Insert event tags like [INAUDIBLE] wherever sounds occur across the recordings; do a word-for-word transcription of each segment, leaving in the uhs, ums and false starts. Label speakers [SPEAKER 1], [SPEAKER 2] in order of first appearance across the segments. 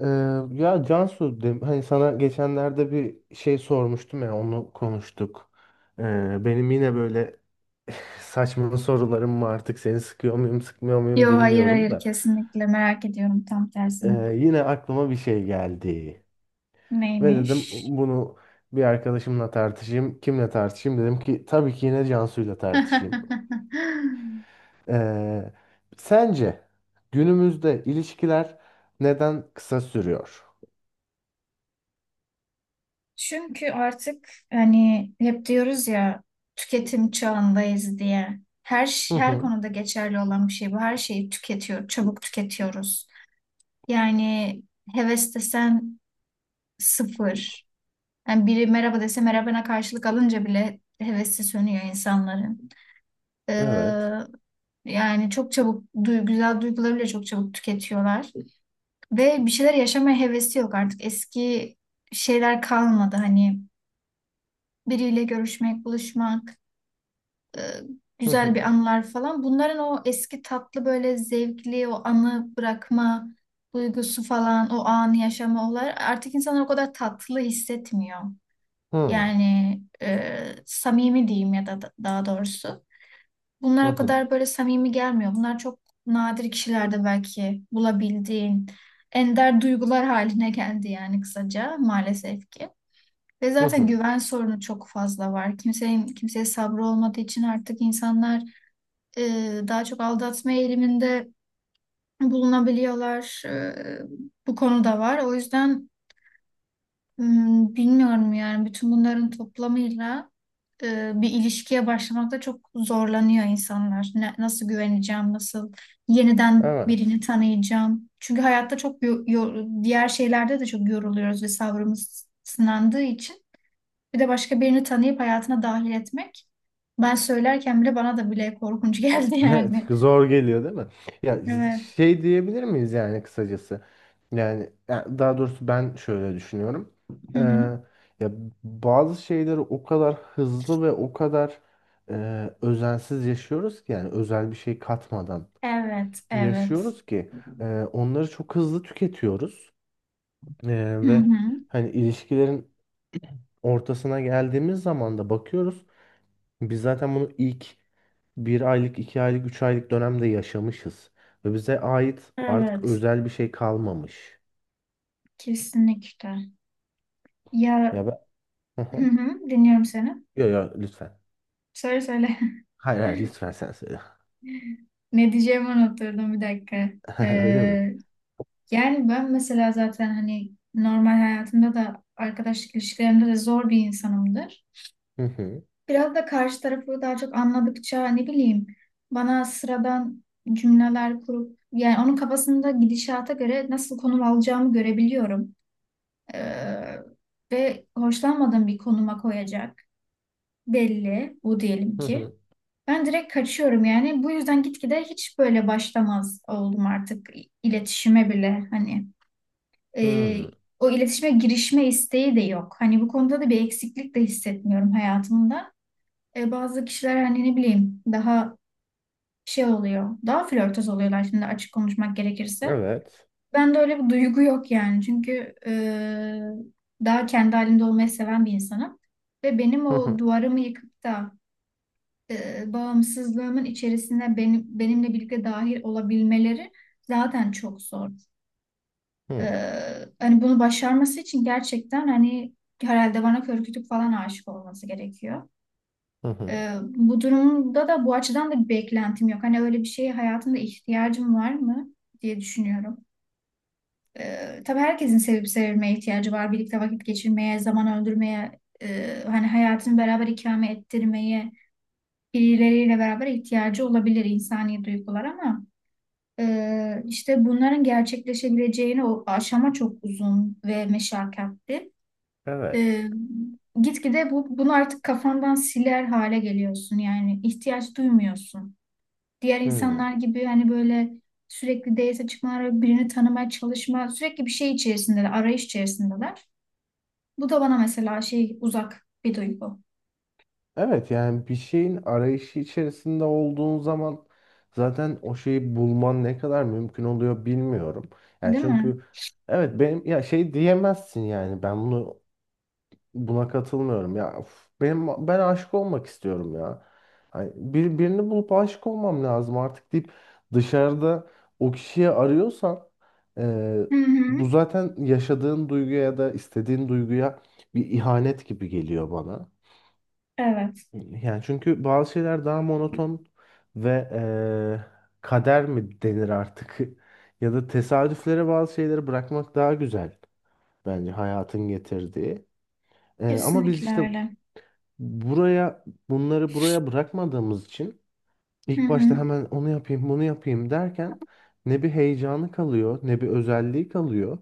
[SPEAKER 1] Ee, ya Cansu, de- hani sana geçenlerde bir şey sormuştum ya onu konuştuk. Ee, benim yine böyle [LAUGHS] saçma sorularım var artık seni sıkıyor muyum sıkmıyor muyum
[SPEAKER 2] Yo hayır
[SPEAKER 1] bilmiyorum
[SPEAKER 2] hayır
[SPEAKER 1] da.
[SPEAKER 2] kesinlikle merak ediyorum tam tersine.
[SPEAKER 1] Ee, yine aklıma bir şey geldi. Ve dedim
[SPEAKER 2] Neymiş?
[SPEAKER 1] bunu bir arkadaşımla tartışayım. Kimle tartışayım dedim ki tabii ki yine Cansu'yla tartışayım.
[SPEAKER 2] [LAUGHS]
[SPEAKER 1] Ee, sence günümüzde ilişkiler neden kısa sürüyor?
[SPEAKER 2] Çünkü artık hani hep diyoruz ya tüketim çağındayız diye. Her
[SPEAKER 1] Hı
[SPEAKER 2] ş- her
[SPEAKER 1] hı.
[SPEAKER 2] konuda geçerli olan bir şey bu. Her şeyi tüketiyor, çabuk tüketiyoruz. Yani heves desen sıfır. Yani biri merhaba dese merhabana karşılık alınca bile hevesi sönüyor insanların.
[SPEAKER 1] Evet.
[SPEAKER 2] Ee, Yani çok çabuk, duy- güzel duyguları bile çok çabuk tüketiyorlar. Ve bir şeyler yaşamaya hevesi yok artık. Eski şeyler kalmadı. Hani biriyle görüşmek, buluşmak, e,
[SPEAKER 1] Hı
[SPEAKER 2] güzel
[SPEAKER 1] hı.
[SPEAKER 2] bir anılar falan. Bunların o eski tatlı böyle zevkli o anı bırakma duygusu falan, o anı yaşama olar artık insanlar o kadar tatlı hissetmiyor. Yani e, samimi diyeyim ya da da- daha doğrusu.
[SPEAKER 1] Hı
[SPEAKER 2] Bunlar o
[SPEAKER 1] hı.
[SPEAKER 2] kadar böyle samimi gelmiyor. Bunlar çok nadir kişilerde belki bulabildiğin ender duygular haline geldi yani kısaca maalesef ki. Ve
[SPEAKER 1] Hı
[SPEAKER 2] zaten
[SPEAKER 1] hı.
[SPEAKER 2] güven sorunu çok fazla var. Kimsenin kimseye sabrı olmadığı için artık insanlar e, daha çok aldatma eğiliminde bulunabiliyorlar. E, bu konu da var. O yüzden Hmm, bilmiyorum yani bütün bunların toplamıyla e, bir ilişkiye başlamakta çok zorlanıyor insanlar. Ne- nasıl güveneceğim, nasıl yeniden
[SPEAKER 1] Evet.
[SPEAKER 2] birini
[SPEAKER 1] [LAUGHS]
[SPEAKER 2] tanıyacağım. Çünkü hayatta çok yo- yo- diğer şeylerde de çok yoruluyoruz ve sabrımız sınandığı için. Bir de başka birini tanıyıp hayatına dahil etmek. Ben söylerken bile bana da bile korkunç [LAUGHS] geldi
[SPEAKER 1] Evet,
[SPEAKER 2] yani.
[SPEAKER 1] zor geliyor değil mi? Ya
[SPEAKER 2] Evet.
[SPEAKER 1] şey diyebilir miyiz yani kısacası? Yani, ya daha doğrusu ben şöyle düşünüyorum.
[SPEAKER 2] Hı
[SPEAKER 1] Ee,
[SPEAKER 2] hı.
[SPEAKER 1] ya bazı şeyleri o kadar hızlı ve o kadar e, özensiz yaşıyoruz ki yani özel bir şey katmadan
[SPEAKER 2] Evet, evet.
[SPEAKER 1] yaşıyoruz ki e, onları çok hızlı tüketiyoruz. E,
[SPEAKER 2] Hı
[SPEAKER 1] ve
[SPEAKER 2] hı.
[SPEAKER 1] hani ilişkilerin ortasına geldiğimiz zaman da bakıyoruz. Biz zaten bunu ilk bir aylık, iki aylık, üç aylık dönemde yaşamışız. Ve bize ait artık
[SPEAKER 2] Evet,
[SPEAKER 1] özel bir şey kalmamış.
[SPEAKER 2] kesinlikle. Ya,
[SPEAKER 1] Ya ben... Hı
[SPEAKER 2] hı
[SPEAKER 1] hı.
[SPEAKER 2] hı, dinliyorum seni.
[SPEAKER 1] Yo yo lütfen.
[SPEAKER 2] Söyle söyle.
[SPEAKER 1] Hayır hayır lütfen sen söyle.
[SPEAKER 2] [LAUGHS] Ne diyeceğimi unutturdum bir dakika.
[SPEAKER 1] [LAUGHS] Öyle mi?
[SPEAKER 2] Ee, Yani ben mesela zaten hani normal hayatımda da arkadaşlık ilişkilerimde de zor bir insanımdır.
[SPEAKER 1] Hı hı.
[SPEAKER 2] Biraz da karşı tarafı daha çok anladıkça ne bileyim bana sıradan cümleler kurup yani onun kafasında gidişata göre nasıl konum alacağımı görebiliyorum. Ee, Ve hoşlanmadığım bir konuma koyacak belli bu diyelim
[SPEAKER 1] Hı
[SPEAKER 2] ki.
[SPEAKER 1] hı.
[SPEAKER 2] Ben direkt kaçıyorum yani. Bu yüzden gitgide hiç böyle başlamaz oldum artık iletişime bile. Hani, e,
[SPEAKER 1] Hı.
[SPEAKER 2] o iletişime girişme isteği de yok. Hani bu konuda da bir eksiklik de hissetmiyorum hayatımda. E, bazı kişiler hani ne bileyim daha şey oluyor. Daha flörtöz oluyorlar şimdi açık konuşmak gerekirse.
[SPEAKER 1] Evet.
[SPEAKER 2] Ben de öyle bir duygu yok yani. Çünkü e, daha kendi halinde olmayı seven bir insanım. Ve benim
[SPEAKER 1] Hı
[SPEAKER 2] o
[SPEAKER 1] hı.
[SPEAKER 2] duvarımı yıkıp da e, bağımsızlığımın içerisine benim benimle birlikte dahil olabilmeleri zaten çok zor.
[SPEAKER 1] Hı
[SPEAKER 2] E,
[SPEAKER 1] hı.
[SPEAKER 2] Hani bunu başarması için gerçekten hani herhalde bana kör kütük falan aşık olması gerekiyor.
[SPEAKER 1] Hı.
[SPEAKER 2] E, bu durumda da bu açıdan da bir beklentim yok. Hani öyle bir şeye hayatımda ihtiyacım var mı diye düşünüyorum. E, tabii herkesin sevip sevilmeye ihtiyacı var. Birlikte vakit geçirmeye, zaman öldürmeye, e, hani hayatını beraber ikame ettirmeye birileriyle beraber ihtiyacı olabilir insani duygular ama e, işte bunların gerçekleşebileceğini o aşama çok uzun ve meşakkatli. E,
[SPEAKER 1] Evet.
[SPEAKER 2] Gitgide bu, bunu artık kafandan siler hale geliyorsun yani ihtiyaç duymuyorsun. Diğer
[SPEAKER 1] Hı.
[SPEAKER 2] insanlar gibi hani böyle sürekli date çıkmalar, birini tanımaya çalışma, sürekli bir şey içerisindeler, arayış içerisindeler. Bu da bana mesela şey uzak bir duygu,
[SPEAKER 1] Evet yani bir şeyin arayışı içerisinde olduğun zaman zaten o şeyi bulman ne kadar mümkün oluyor bilmiyorum. Yani
[SPEAKER 2] değil mi?
[SPEAKER 1] çünkü evet benim ya şey diyemezsin yani ben bunu buna katılmıyorum ya of, benim ben aşık olmak istiyorum ya. Ay, bir, birini bulup aşık olmam lazım artık deyip dışarıda o kişiyi arıyorsan e,
[SPEAKER 2] Hı hı.
[SPEAKER 1] bu zaten yaşadığın duyguya ya da istediğin duyguya bir ihanet gibi geliyor bana.
[SPEAKER 2] Evet,
[SPEAKER 1] Yani çünkü bazı şeyler daha monoton ve eee, kader mi denir artık [LAUGHS] ya da tesadüflere bazı şeyleri bırakmak daha güzel bence hayatın getirdiği. Eee, ama biz
[SPEAKER 2] kesinlikle
[SPEAKER 1] işte
[SPEAKER 2] öyle.
[SPEAKER 1] buraya bunları buraya bırakmadığımız için
[SPEAKER 2] Hı
[SPEAKER 1] ilk
[SPEAKER 2] hı.
[SPEAKER 1] başta hemen onu yapayım bunu yapayım derken ne bir heyecanı kalıyor ne bir özelliği kalıyor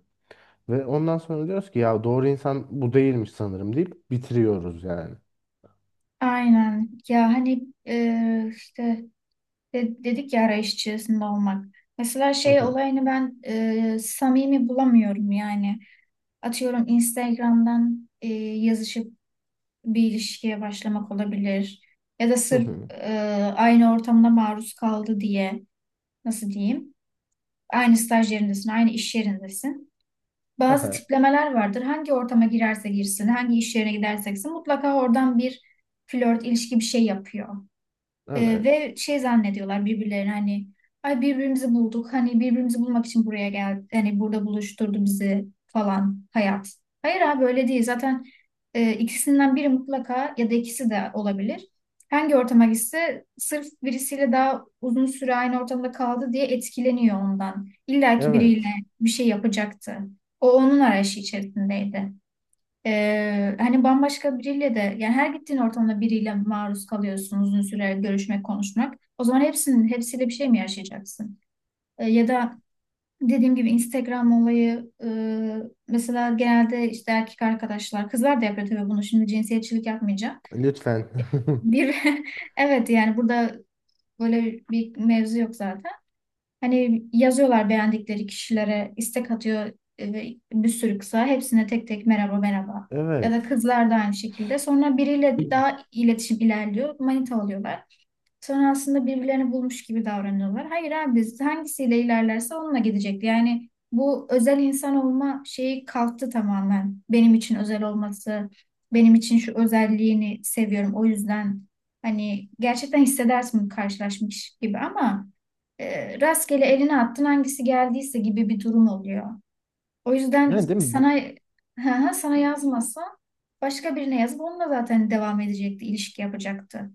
[SPEAKER 1] ve ondan sonra diyoruz ki ya doğru insan bu değilmiş sanırım deyip bitiriyoruz yani.
[SPEAKER 2] Aynen. Ya hani e, işte de- dedik ya arayış içerisinde olmak. Mesela
[SPEAKER 1] Hı
[SPEAKER 2] şey
[SPEAKER 1] hı,
[SPEAKER 2] olayını ben e, samimi bulamıyorum yani. Atıyorum Instagram'dan e, yazışıp bir ilişkiye başlamak olabilir. Ya da
[SPEAKER 1] hı
[SPEAKER 2] sırf
[SPEAKER 1] hı,
[SPEAKER 2] e, aynı ortamda maruz kaldı diye nasıl diyeyim? Aynı staj yerindesin, aynı iş yerindesin.
[SPEAKER 1] [LAUGHS] hı
[SPEAKER 2] Bazı
[SPEAKER 1] hı.
[SPEAKER 2] tiplemeler vardır. Hangi ortama girerse girsin, hangi iş yerine giderse gitsin mutlaka oradan bir flört, ilişki bir şey yapıyor. Ee,
[SPEAKER 1] Evet.
[SPEAKER 2] ve şey zannediyorlar birbirlerine hani ay birbirimizi bulduk. Hani birbirimizi bulmak için buraya geldi. Hani burada buluşturdu bizi falan hayat. Hayır abi öyle değil. Zaten e, ikisinden biri mutlaka ya da ikisi de olabilir. Hangi ortama gitse sırf birisiyle daha uzun süre aynı ortamda kaldı diye etkileniyor ondan. İlla ki biriyle
[SPEAKER 1] Evet.
[SPEAKER 2] bir şey yapacaktı. O onun arayışı içerisindeydi. Ee, hani bambaşka biriyle de yani her gittiğin ortamda biriyle maruz kalıyorsun uzun süre görüşmek, konuşmak. O zaman hepsinin hepsiyle bir şey mi yaşayacaksın? Ee, ya da dediğim gibi Instagram olayı, e, mesela genelde işte erkek arkadaşlar kızlar da yapıyor tabii bunu, şimdi cinsiyetçilik yapmayacağım.
[SPEAKER 1] Lütfen. [LAUGHS]
[SPEAKER 2] Bir [LAUGHS] evet yani burada böyle bir mevzu yok zaten. Hani yazıyorlar beğendikleri kişilere istek atıyor, e, ve bir sürü kısa. Hepsine tek tek merhaba merhaba. Ya da
[SPEAKER 1] Evet.
[SPEAKER 2] kızlar da aynı şekilde. Sonra biriyle daha iletişim ilerliyor. Manita oluyorlar. Sonra aslında birbirlerini bulmuş gibi davranıyorlar. Hayır abi biz hangisiyle ilerlerse onunla gidecek. Yani bu özel insan olma şeyi kalktı tamamen. Benim için özel olması, benim için şu özelliğini seviyorum. O yüzden hani gerçekten hissedersin karşılaşmış gibi ama e, rastgele eline attın hangisi geldiyse gibi bir durum oluyor. O yüzden
[SPEAKER 1] Yani değil mi? Bir-
[SPEAKER 2] sana [LAUGHS] sana yazmasa başka birine yazıp onunla zaten devam edecekti, ilişki yapacaktı.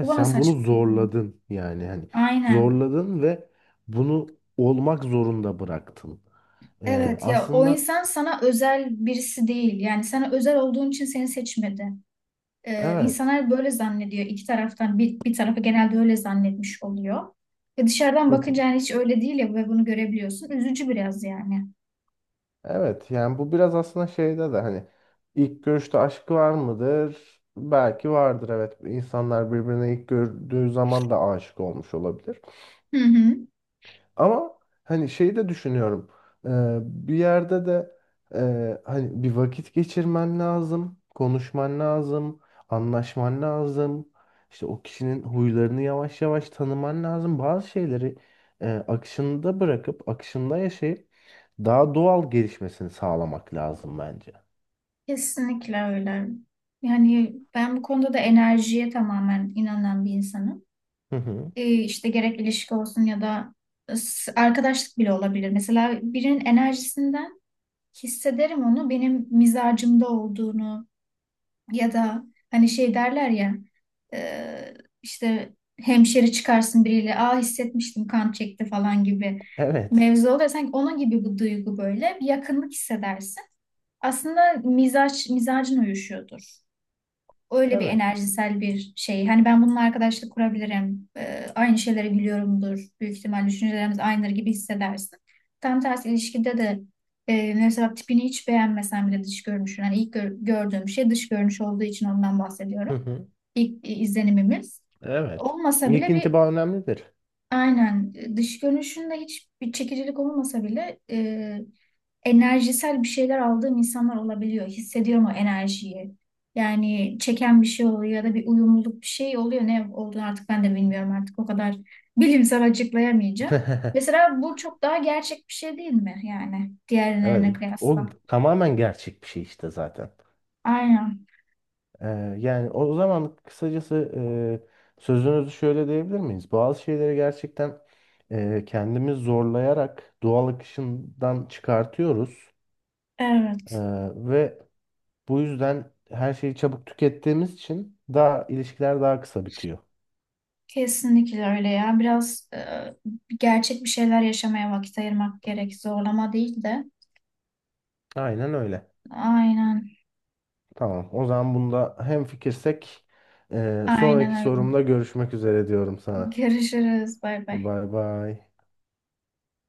[SPEAKER 2] Bu bana
[SPEAKER 1] sen bunu
[SPEAKER 2] saçma geliyor.
[SPEAKER 1] zorladın yani hani
[SPEAKER 2] Aynen.
[SPEAKER 1] zorladın ve bunu olmak zorunda bıraktın. Ee,
[SPEAKER 2] Evet ya, o
[SPEAKER 1] aslında
[SPEAKER 2] insan sana özel birisi değil. Yani sana özel olduğun için seni seçmedi. Ee,
[SPEAKER 1] evet.
[SPEAKER 2] insanlar böyle zannediyor. İki taraftan bir, bir tarafı genelde öyle zannetmiş oluyor. Ve dışarıdan
[SPEAKER 1] Hı hı.
[SPEAKER 2] bakınca yani hiç öyle değil ya ve bunu görebiliyorsun. Üzücü biraz yani.
[SPEAKER 1] Evet yani bu biraz aslında şeyde de hani ilk görüşte aşk var mıdır? Belki vardır evet. İnsanlar birbirine ilk gördüğü zaman da aşık olmuş olabilir.
[SPEAKER 2] Hı hı.
[SPEAKER 1] Ama hani şeyi de düşünüyorum. Ee, bir yerde de e, hani bir vakit geçirmen lazım, konuşman lazım, anlaşman lazım. İşte o kişinin huylarını yavaş yavaş tanıman lazım. Bazı şeyleri e, akışında bırakıp akışında yaşayıp daha doğal gelişmesini sağlamak lazım bence.
[SPEAKER 2] Kesinlikle öyle. Yani ben bu konuda da enerjiye tamamen inanan bir insanım.
[SPEAKER 1] Hı hı.
[SPEAKER 2] Ee, işte gerek ilişki olsun ya da s- arkadaşlık bile olabilir. Mesela birinin enerjisinden hissederim onu benim mizacımda olduğunu ya da hani şey derler ya, e, işte hemşeri çıkarsın biriyle, aa hissetmiştim kan çekti falan gibi
[SPEAKER 1] Evet.
[SPEAKER 2] mevzu oluyor. Sanki onun gibi bu duygu böyle bir yakınlık hissedersin. Aslında mizaç, mizacın uyuşuyordur, öyle bir
[SPEAKER 1] Evet.
[SPEAKER 2] enerjisel bir şey. Hani ben bununla arkadaşlık kurabilirim. Ee, aynı şeylere gülüyorumdur. Büyük ihtimal düşüncelerimiz aynıdır gibi hissedersin. Tam tersi ilişkide de e, mesela tipini hiç beğenmesen bile dış görünüşün. Hani ilk gör- gördüğüm şey dış görünüş olduğu için ondan
[SPEAKER 1] Hı
[SPEAKER 2] bahsediyorum.
[SPEAKER 1] hı.
[SPEAKER 2] İlk e, izlenimimiz.
[SPEAKER 1] Evet.
[SPEAKER 2] Olmasa
[SPEAKER 1] İlk
[SPEAKER 2] bile bir,
[SPEAKER 1] intiba önemlidir.
[SPEAKER 2] aynen, e, dış görünüşünde hiç bir çekicilik olmasa bile, e, enerjisel bir şeyler aldığım insanlar olabiliyor. Hissediyorum o enerjiyi. Yani çeken bir şey oluyor ya da bir uyumluluk bir şey oluyor. Ne olduğunu artık ben de bilmiyorum artık, o kadar bilimsel açıklayamayacağım.
[SPEAKER 1] [LAUGHS]
[SPEAKER 2] Mesela bu çok daha gerçek bir şey değil mi yani diğerlerine
[SPEAKER 1] Evet. O
[SPEAKER 2] kıyasla?
[SPEAKER 1] tamamen gerçek bir şey işte zaten.
[SPEAKER 2] Aynen.
[SPEAKER 1] Ee, yani o zaman kısacası e, sözünüzü şöyle diyebilir miyiz? Bazı şeyleri gerçekten e, kendimiz zorlayarak doğal akışından çıkartıyoruz.
[SPEAKER 2] Evet,
[SPEAKER 1] Ee, ve bu yüzden her şeyi çabuk tükettiğimiz için daha ilişkiler daha kısa bitiyor.
[SPEAKER 2] kesinlikle öyle ya. Biraz e, gerçek bir şeyler yaşamaya vakit ayırmak gerek. Zorlama değil de.
[SPEAKER 1] Aynen öyle.
[SPEAKER 2] Aynen,
[SPEAKER 1] Tamam. O zaman bunda hemfikirsek e,
[SPEAKER 2] aynen
[SPEAKER 1] sonraki
[SPEAKER 2] öyle.
[SPEAKER 1] sorumda görüşmek üzere diyorum sana.
[SPEAKER 2] Görüşürüz. Bay bay.
[SPEAKER 1] Bay bay.